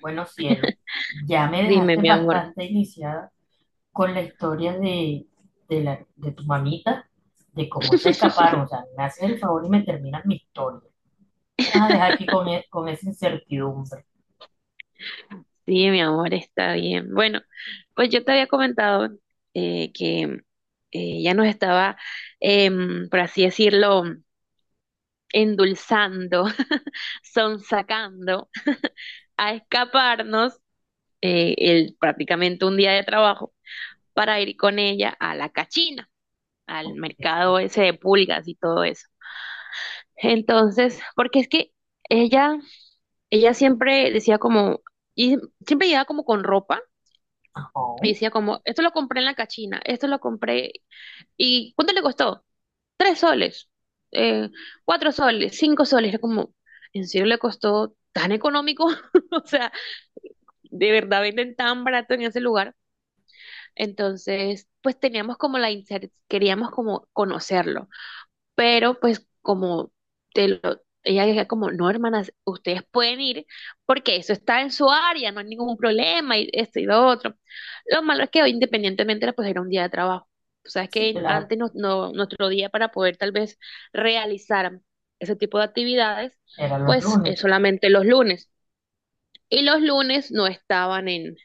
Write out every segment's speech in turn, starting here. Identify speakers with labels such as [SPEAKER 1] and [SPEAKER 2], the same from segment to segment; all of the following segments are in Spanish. [SPEAKER 1] Bueno, cielo, ya me
[SPEAKER 2] Dime,
[SPEAKER 1] dejaste
[SPEAKER 2] mi amor.
[SPEAKER 1] bastante iniciada con la historia de tu mamita, de cómo se escaparon. O sea, me haces el favor y me terminas mi historia. Me vas a dejar aquí con esa incertidumbre.
[SPEAKER 2] Sí, mi amor, está bien. Bueno, pues yo te había comentado que ya nos estaba, por así decirlo, endulzando, sonsacando a escaparnos el, prácticamente un día de trabajo para ir con ella a la cachina, al
[SPEAKER 1] Ok,
[SPEAKER 2] mercado ese de pulgas y todo eso. Entonces, porque es que ella ella siempre decía como, y siempre llegaba como con ropa
[SPEAKER 1] ajá.
[SPEAKER 2] y decía como, esto lo compré en la cachina, esto lo compré, ¿y cuánto le costó? 3 soles, eh, 4 soles, 5 soles, era como, ¿en serio le costó tan económico? O sea, de verdad venden tan barato en ese lugar. Entonces, pues teníamos como queríamos como conocerlo. Pero pues como te lo, ella decía como, no, hermanas, ustedes pueden ir porque eso está en su área, no hay ningún problema y esto y lo otro. Lo malo es que hoy independientemente era, pues era un día de trabajo. O sea, es
[SPEAKER 1] Sí,
[SPEAKER 2] que
[SPEAKER 1] claro,
[SPEAKER 2] antes nuestro día para poder tal vez realizar ese tipo de actividades,
[SPEAKER 1] era los
[SPEAKER 2] pues
[SPEAKER 1] lunes
[SPEAKER 2] es solamente los lunes. Y los lunes no estaban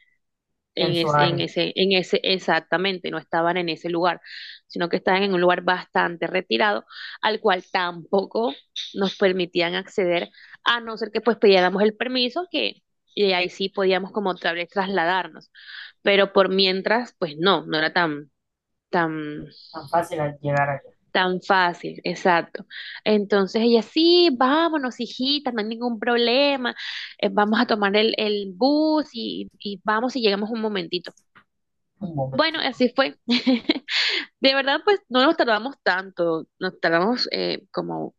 [SPEAKER 1] en su área.
[SPEAKER 2] exactamente, no estaban en ese lugar, sino que estaban en un lugar bastante retirado, al cual tampoco nos permitían acceder, a no ser que pues pidiéramos el permiso, que y ahí sí podíamos como otra vez trasladarnos, pero por mientras, no era tan, tan,
[SPEAKER 1] Tan fácil al llegar allá.
[SPEAKER 2] tan fácil, exacto. Entonces ella, sí, vámonos, hijita, no hay ningún problema, vamos a tomar el bus y vamos y llegamos un momentito.
[SPEAKER 1] Un
[SPEAKER 2] Bueno,
[SPEAKER 1] momentito.
[SPEAKER 2] así fue. De verdad, pues no nos tardamos tanto, nos tardamos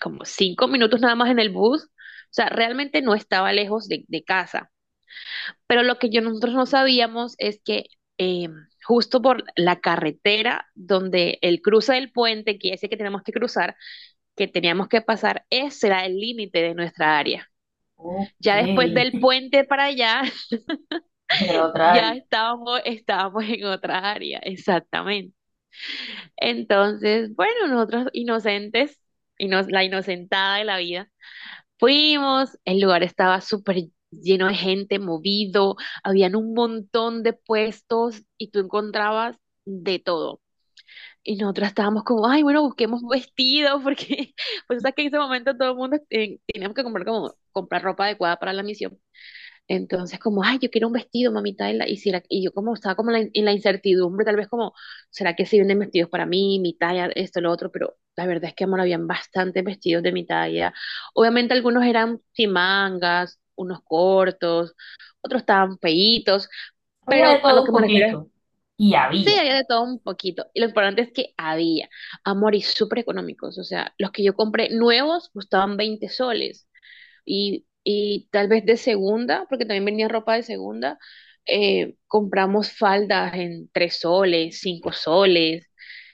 [SPEAKER 2] como 5 minutos nada más en el bus, o sea, realmente no estaba lejos de casa, pero lo que yo, nosotros no sabíamos es que eh, justo por la carretera donde el cruce del puente, que ese que tenemos que cruzar, que teníamos que pasar, ese era el límite de nuestra área.
[SPEAKER 1] Ok,
[SPEAKER 2] Ya después del puente para allá,
[SPEAKER 1] era otra
[SPEAKER 2] ya
[SPEAKER 1] área.
[SPEAKER 2] estábamos en otra área, exactamente. Entonces, bueno, nosotros inocentes, la inocentada de la vida, fuimos, el lugar estaba súper lleno de gente, movido, habían un montón de puestos y tú encontrabas de todo. Y nosotros estábamos como, ay, bueno, busquemos vestidos, porque pues sabes que en ese momento todo el mundo teníamos que comprar como comprar ropa adecuada para la misión. Entonces, como, ay, yo quiero un vestido, mamita, y, la- y si la- y yo como estaba como en en la incertidumbre, tal vez como, ¿será que sí venden vestidos para mí, mi talla, esto, lo otro? Pero la verdad es que, amor, habían bastantes vestidos de mi talla. Obviamente algunos eran sin mangas, unos cortos, otros estaban feitos,
[SPEAKER 1] Había
[SPEAKER 2] pero
[SPEAKER 1] de
[SPEAKER 2] a lo
[SPEAKER 1] todo
[SPEAKER 2] que
[SPEAKER 1] un
[SPEAKER 2] me refiero es,
[SPEAKER 1] poquito. Y
[SPEAKER 2] sí,
[SPEAKER 1] había
[SPEAKER 2] había de todo un poquito. Y lo importante es que había, amor, y súper económicos. O sea, los que yo compré nuevos costaban 20 soles y tal vez de segunda, porque también venía ropa de segunda, compramos faldas en 3 soles, 5 soles,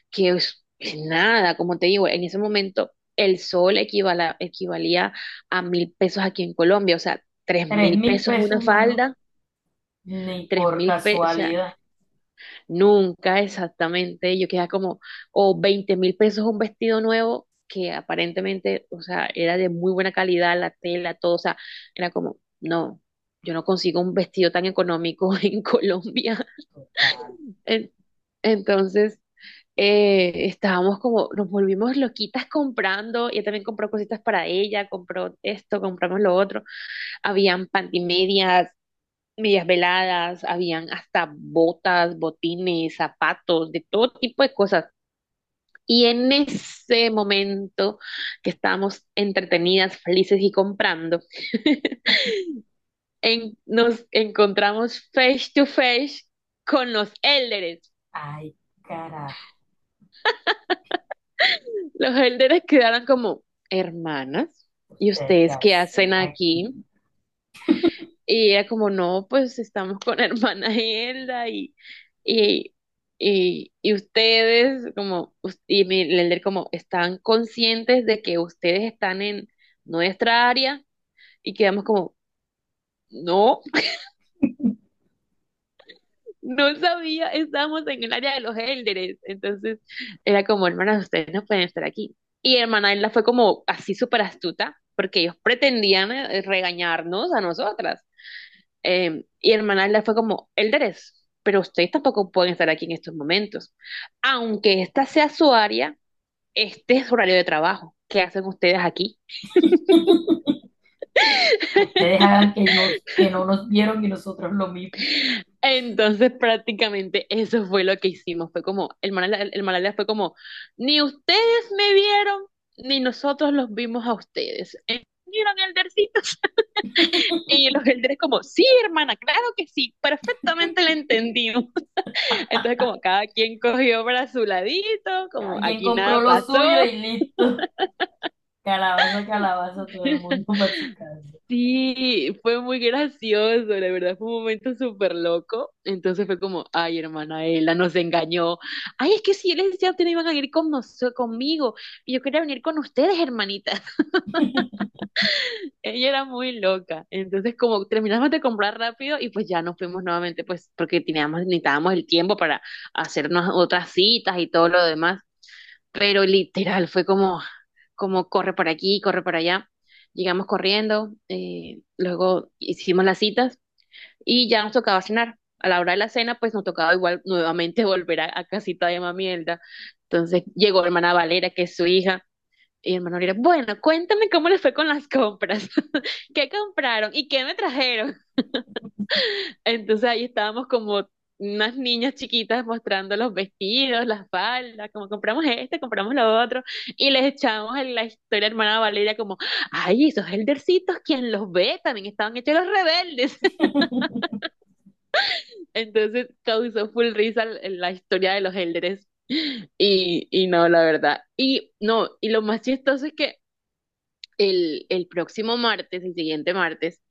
[SPEAKER 2] que es nada, como te digo, en ese momento el sol equivalía a 1.000 pesos aquí en Colombia, o sea, tres
[SPEAKER 1] tres
[SPEAKER 2] mil
[SPEAKER 1] mil
[SPEAKER 2] pesos una
[SPEAKER 1] pesos, Marro,
[SPEAKER 2] falda,
[SPEAKER 1] ni
[SPEAKER 2] tres
[SPEAKER 1] por
[SPEAKER 2] mil pesos,
[SPEAKER 1] casualidad.
[SPEAKER 2] nunca exactamente. Yo quedaba como, o 20.000 pesos un vestido nuevo que aparentemente, o sea, era de muy buena calidad, la tela, todo, o sea, era como, no, yo no consigo un vestido tan económico en Colombia.
[SPEAKER 1] Total.
[SPEAKER 2] En- Entonces, estábamos como, nos volvimos loquitas comprando, ella también compró cositas para ella, compró esto, compramos lo otro, habían pantimedias, medias veladas, habían hasta botas, botines, zapatos, de todo tipo de cosas. Y en ese momento que estábamos entretenidas, felices y comprando, nos encontramos face to face con los élderes.
[SPEAKER 1] Ay, carajo,
[SPEAKER 2] Los élderes quedaron como, hermanas, ¿y
[SPEAKER 1] ¿ustedes qué
[SPEAKER 2] ustedes qué
[SPEAKER 1] hacen
[SPEAKER 2] hacen aquí?
[SPEAKER 1] aquí?
[SPEAKER 2] Y era como, no, pues estamos con hermana Hilda y, y ustedes, como, y mi Lender, como, están conscientes de que ustedes están en nuestra área y quedamos como, no, no sabía, estamos en el área de los Elders. Entonces era como, hermanas, ustedes no pueden estar aquí. Y hermana Hilda fue como así súper astuta, porque ellos pretendían regañarnos a nosotras. Y hermana Alda fue como, Elderes, pero ustedes tampoco pueden estar aquí en estos momentos. Aunque esta sea su área, este es su horario de trabajo. ¿Qué hacen ustedes aquí?
[SPEAKER 1] Ustedes hagan que, nos, que no nos vieron y nosotros lo mismo.
[SPEAKER 2] Entonces prácticamente eso fue lo que hicimos. Fue como, el Manala fue como, ni ustedes me vieron, ni nosotros los vimos a ustedes. ¿Vieron Eldercito? Y los Elderes como, sí, hermana, claro que sí, perfectamente la entendimos. Entonces como cada quien cogió para su ladito, como
[SPEAKER 1] Cada quien
[SPEAKER 2] aquí
[SPEAKER 1] compró
[SPEAKER 2] nada
[SPEAKER 1] lo suyo
[SPEAKER 2] pasó.
[SPEAKER 1] y listo. Calabaza, calabaza, todo el mundo para su casa.
[SPEAKER 2] Sí, fue muy gracioso, la verdad fue un momento súper loco. Entonces fue como, ay, hermana Ella nos engañó. Ay, es que si yo les decía ustedes iban a venir con conmigo, y yo quería venir con ustedes, hermanitas. Ella era muy loca. Entonces, como terminamos de comprar rápido y pues ya nos fuimos nuevamente, pues porque teníamos, necesitábamos el tiempo para hacernos otras citas y todo lo demás. Pero literal fue como, como corre por aquí, corre por allá. Llegamos corriendo, luego hicimos las citas y ya nos tocaba cenar. A la hora de la cena, pues nos tocaba igual nuevamente volver a casita de Mamierda. Entonces llegó hermana Valera, que es su hija, y hermana Valera, bueno, cuéntame cómo les fue con las compras, qué compraron y qué me trajeron. Entonces ahí estábamos como unas niñas chiquitas mostrando los vestidos, las faldas, como compramos este, compramos lo otro, y les echamos en la historia hermana Valeria como, ay, esos eldercitos, quien los ve, también estaban hechos los rebeldes. Entonces causó full risa la historia de los elders. Y no, la verdad. Y no, y lo más chistoso es que el próximo martes, el siguiente martes,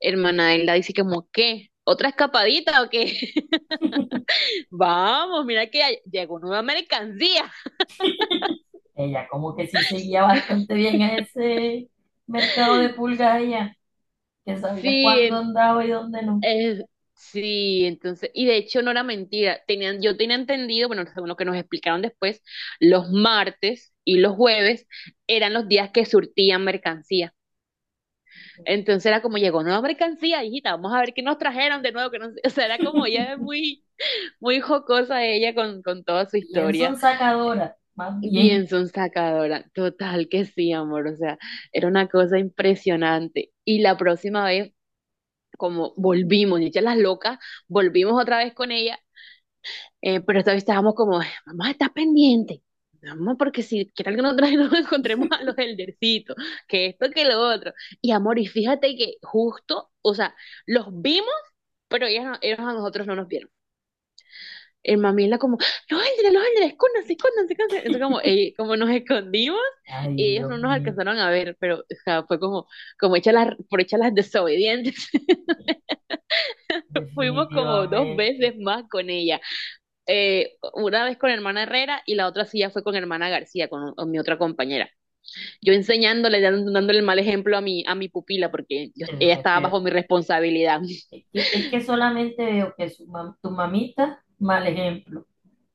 [SPEAKER 2] hermana Elda dice como, ¿qué? ¿Otra escapadita o qué? Vamos, mira que ya llegó nueva mercancía.
[SPEAKER 1] Ella como que sí seguía bastante bien a ese mercado de pulgas allá, que sabía
[SPEAKER 2] Sí,
[SPEAKER 1] cuándo andaba y dónde no.
[SPEAKER 2] eh, sí, entonces, y de hecho no era mentira. Tenían, yo tenía entendido, bueno, según lo que nos explicaron después, los martes y los jueves eran los días que surtían mercancía. Entonces era como llegó nueva mercancía, hijita, vamos a ver qué nos trajeron de nuevo, que no sé, o sea, era como ella muy, muy jocosa ella con toda su
[SPEAKER 1] Bien
[SPEAKER 2] historia.
[SPEAKER 1] son sacadoras, más
[SPEAKER 2] Bien
[SPEAKER 1] bien.
[SPEAKER 2] sonsacadora, total que sí, amor, o sea, era una cosa impresionante. Y la próxima vez, como volvimos, dichas las locas, volvimos otra vez con ella, pero esta vez estábamos como, mamá, está pendiente, mamá, porque si qué tal que nosotros nos encontremos a los eldercitos, que esto, que lo otro. Y amor, y fíjate que justo, o sea, los vimos, pero ellas, no- ellos a nosotros no nos vieron, el mamila como, los ángeles, escóndanse, escóndanse, escóndanse. Entonces como, como nos escondimos
[SPEAKER 1] Ay,
[SPEAKER 2] y ellos no
[SPEAKER 1] Dios
[SPEAKER 2] nos
[SPEAKER 1] mío,
[SPEAKER 2] alcanzaron a ver, pero o sea, fue como, como por hecha las desobedientes. Fuimos como dos
[SPEAKER 1] definitivamente.
[SPEAKER 2] veces más con ella. Una vez con hermana Herrera y la otra sí ya fue con hermana García, con mi otra compañera. Yo enseñándole, dándole el mal ejemplo a mi pupila porque
[SPEAKER 1] Eso
[SPEAKER 2] ella
[SPEAKER 1] me
[SPEAKER 2] estaba
[SPEAKER 1] estoy
[SPEAKER 2] bajo mi responsabilidad.
[SPEAKER 1] Es que solamente veo que tu mamita, mal ejemplo,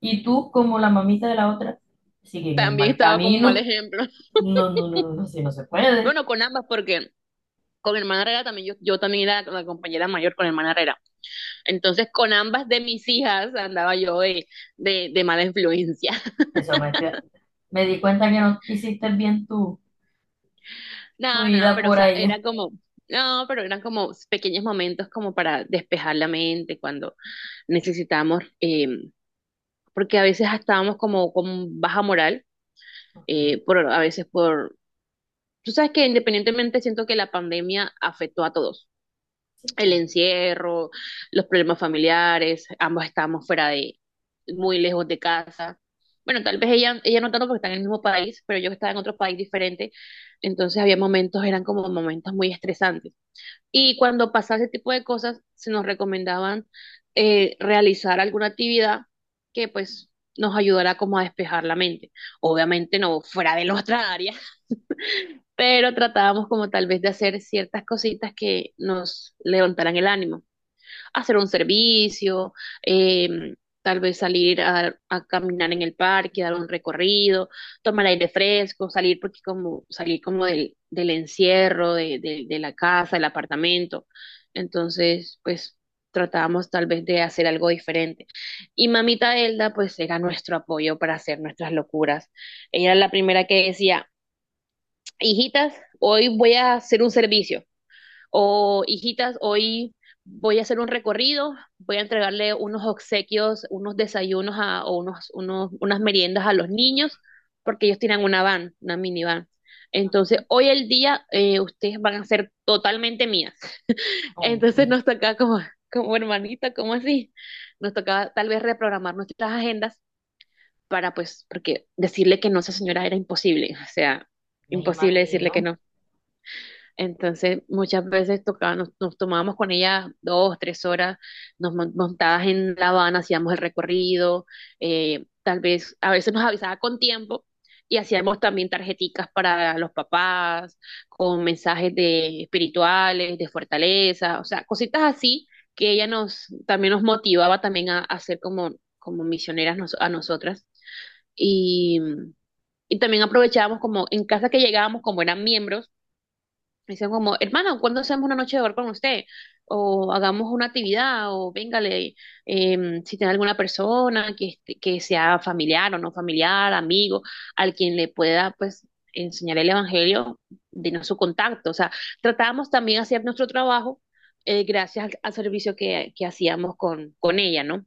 [SPEAKER 1] y tú como la mamita de la otra, siguen un
[SPEAKER 2] También
[SPEAKER 1] mal
[SPEAKER 2] estaba como un mal
[SPEAKER 1] camino.
[SPEAKER 2] ejemplo.
[SPEAKER 1] No, no, no, no, no, si no se puede.
[SPEAKER 2] Bueno, con ambas porque... Con hermana Herrera también, yo también era la compañera mayor con hermana Herrera. Entonces, con ambas de mis hijas andaba yo de mala influencia.
[SPEAKER 1] Eso me, estoy- Me di cuenta que no hiciste bien tu
[SPEAKER 2] No, no,
[SPEAKER 1] vida
[SPEAKER 2] pero o
[SPEAKER 1] por
[SPEAKER 2] sea,
[SPEAKER 1] ella.
[SPEAKER 2] era como, no, pero eran como pequeños momentos como para despejar la mente cuando necesitamos, porque a veces estábamos como con baja moral,
[SPEAKER 1] Ujú,
[SPEAKER 2] por, a veces por, tú sabes que independientemente siento que la pandemia afectó a todos.
[SPEAKER 1] sí,
[SPEAKER 2] El
[SPEAKER 1] claro,
[SPEAKER 2] encierro, los problemas familiares, ambos estábamos fuera de, muy lejos de casa. Bueno, tal vez ella, ella no tanto porque está en el mismo país, pero yo que estaba en otro país diferente, entonces había momentos, eran como momentos muy estresantes. Y cuando pasaba ese tipo de cosas, se nos recomendaban realizar alguna actividad que pues nos ayudara como a despejar la mente. Obviamente no fuera de nuestra área, pero tratábamos como tal vez de hacer ciertas cositas que nos levantaran el ánimo, hacer un servicio, eh, tal vez salir a caminar en el parque, dar un recorrido, tomar aire fresco, salir porque como salir como del encierro, de la casa, del apartamento. Entonces, pues tratábamos tal vez de hacer algo diferente. Y mamita Elda, pues era nuestro apoyo para hacer nuestras locuras. Ella era la primera que decía, hijitas, hoy voy a hacer un servicio. O hijitas, hoy voy a hacer un recorrido, voy a entregarle unos obsequios, unos desayunos a, o unas meriendas a los niños, porque ellos tienen una van, una minivan. Entonces,
[SPEAKER 1] ujú.
[SPEAKER 2] hoy el día ustedes van a ser totalmente mías.
[SPEAKER 1] Ok,
[SPEAKER 2] Entonces nos toca como, como hermanita, como así, nos tocaba tal vez reprogramar nuestras agendas para pues, porque decirle que no a esa señora era imposible, o sea,
[SPEAKER 1] me
[SPEAKER 2] imposible decirle
[SPEAKER 1] imagino.
[SPEAKER 2] que no. Entonces, muchas veces tocaba, nos tomábamos con ella 2, 3 horas, nos montabas en La Habana, hacíamos el recorrido, tal vez a veces nos avisaba con tiempo y hacíamos también tarjeticas para los papás, con mensajes de espirituales, de fortaleza, o sea, cositas así que ella nos también nos motivaba también a ser como, como misioneras a nosotras. Y, y también aprovechábamos como en casa que llegábamos, como eran miembros, dicen como, hermano, ¿cuándo hacemos una noche de bar con usted? O hagamos una actividad, o véngale, si tiene alguna persona que, que sea familiar o no familiar, amigo, al quien le pueda, pues, enseñar el evangelio, denos su contacto. O sea, tratábamos también de hacer nuestro trabajo gracias al servicio que hacíamos con ella, ¿no?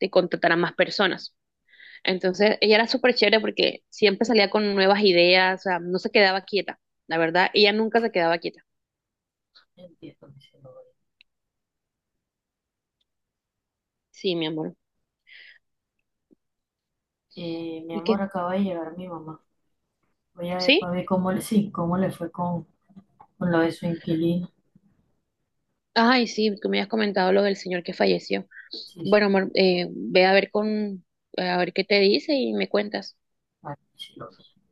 [SPEAKER 2] De contratar a más personas. Entonces, ella era súper chévere porque siempre salía con nuevas ideas, o sea, no se quedaba quieta. La verdad, ella nunca se quedaba quieta.
[SPEAKER 1] Entiendo mi celular.
[SPEAKER 2] Sí, mi amor.
[SPEAKER 1] Mi
[SPEAKER 2] ¿Y qué?
[SPEAKER 1] amor, acaba de llegar mi mamá. Voy a ver
[SPEAKER 2] ¿Sí?
[SPEAKER 1] para ver cómo le, sí, cómo le fue con lo de su inquilino.
[SPEAKER 2] Ay, sí, tú me has comentado lo del señor que falleció.
[SPEAKER 1] Sí,
[SPEAKER 2] Bueno,
[SPEAKER 1] sí,
[SPEAKER 2] amor, ve a ver con, a ver qué te dice y me cuentas.
[SPEAKER 1] vale, sí lo vi.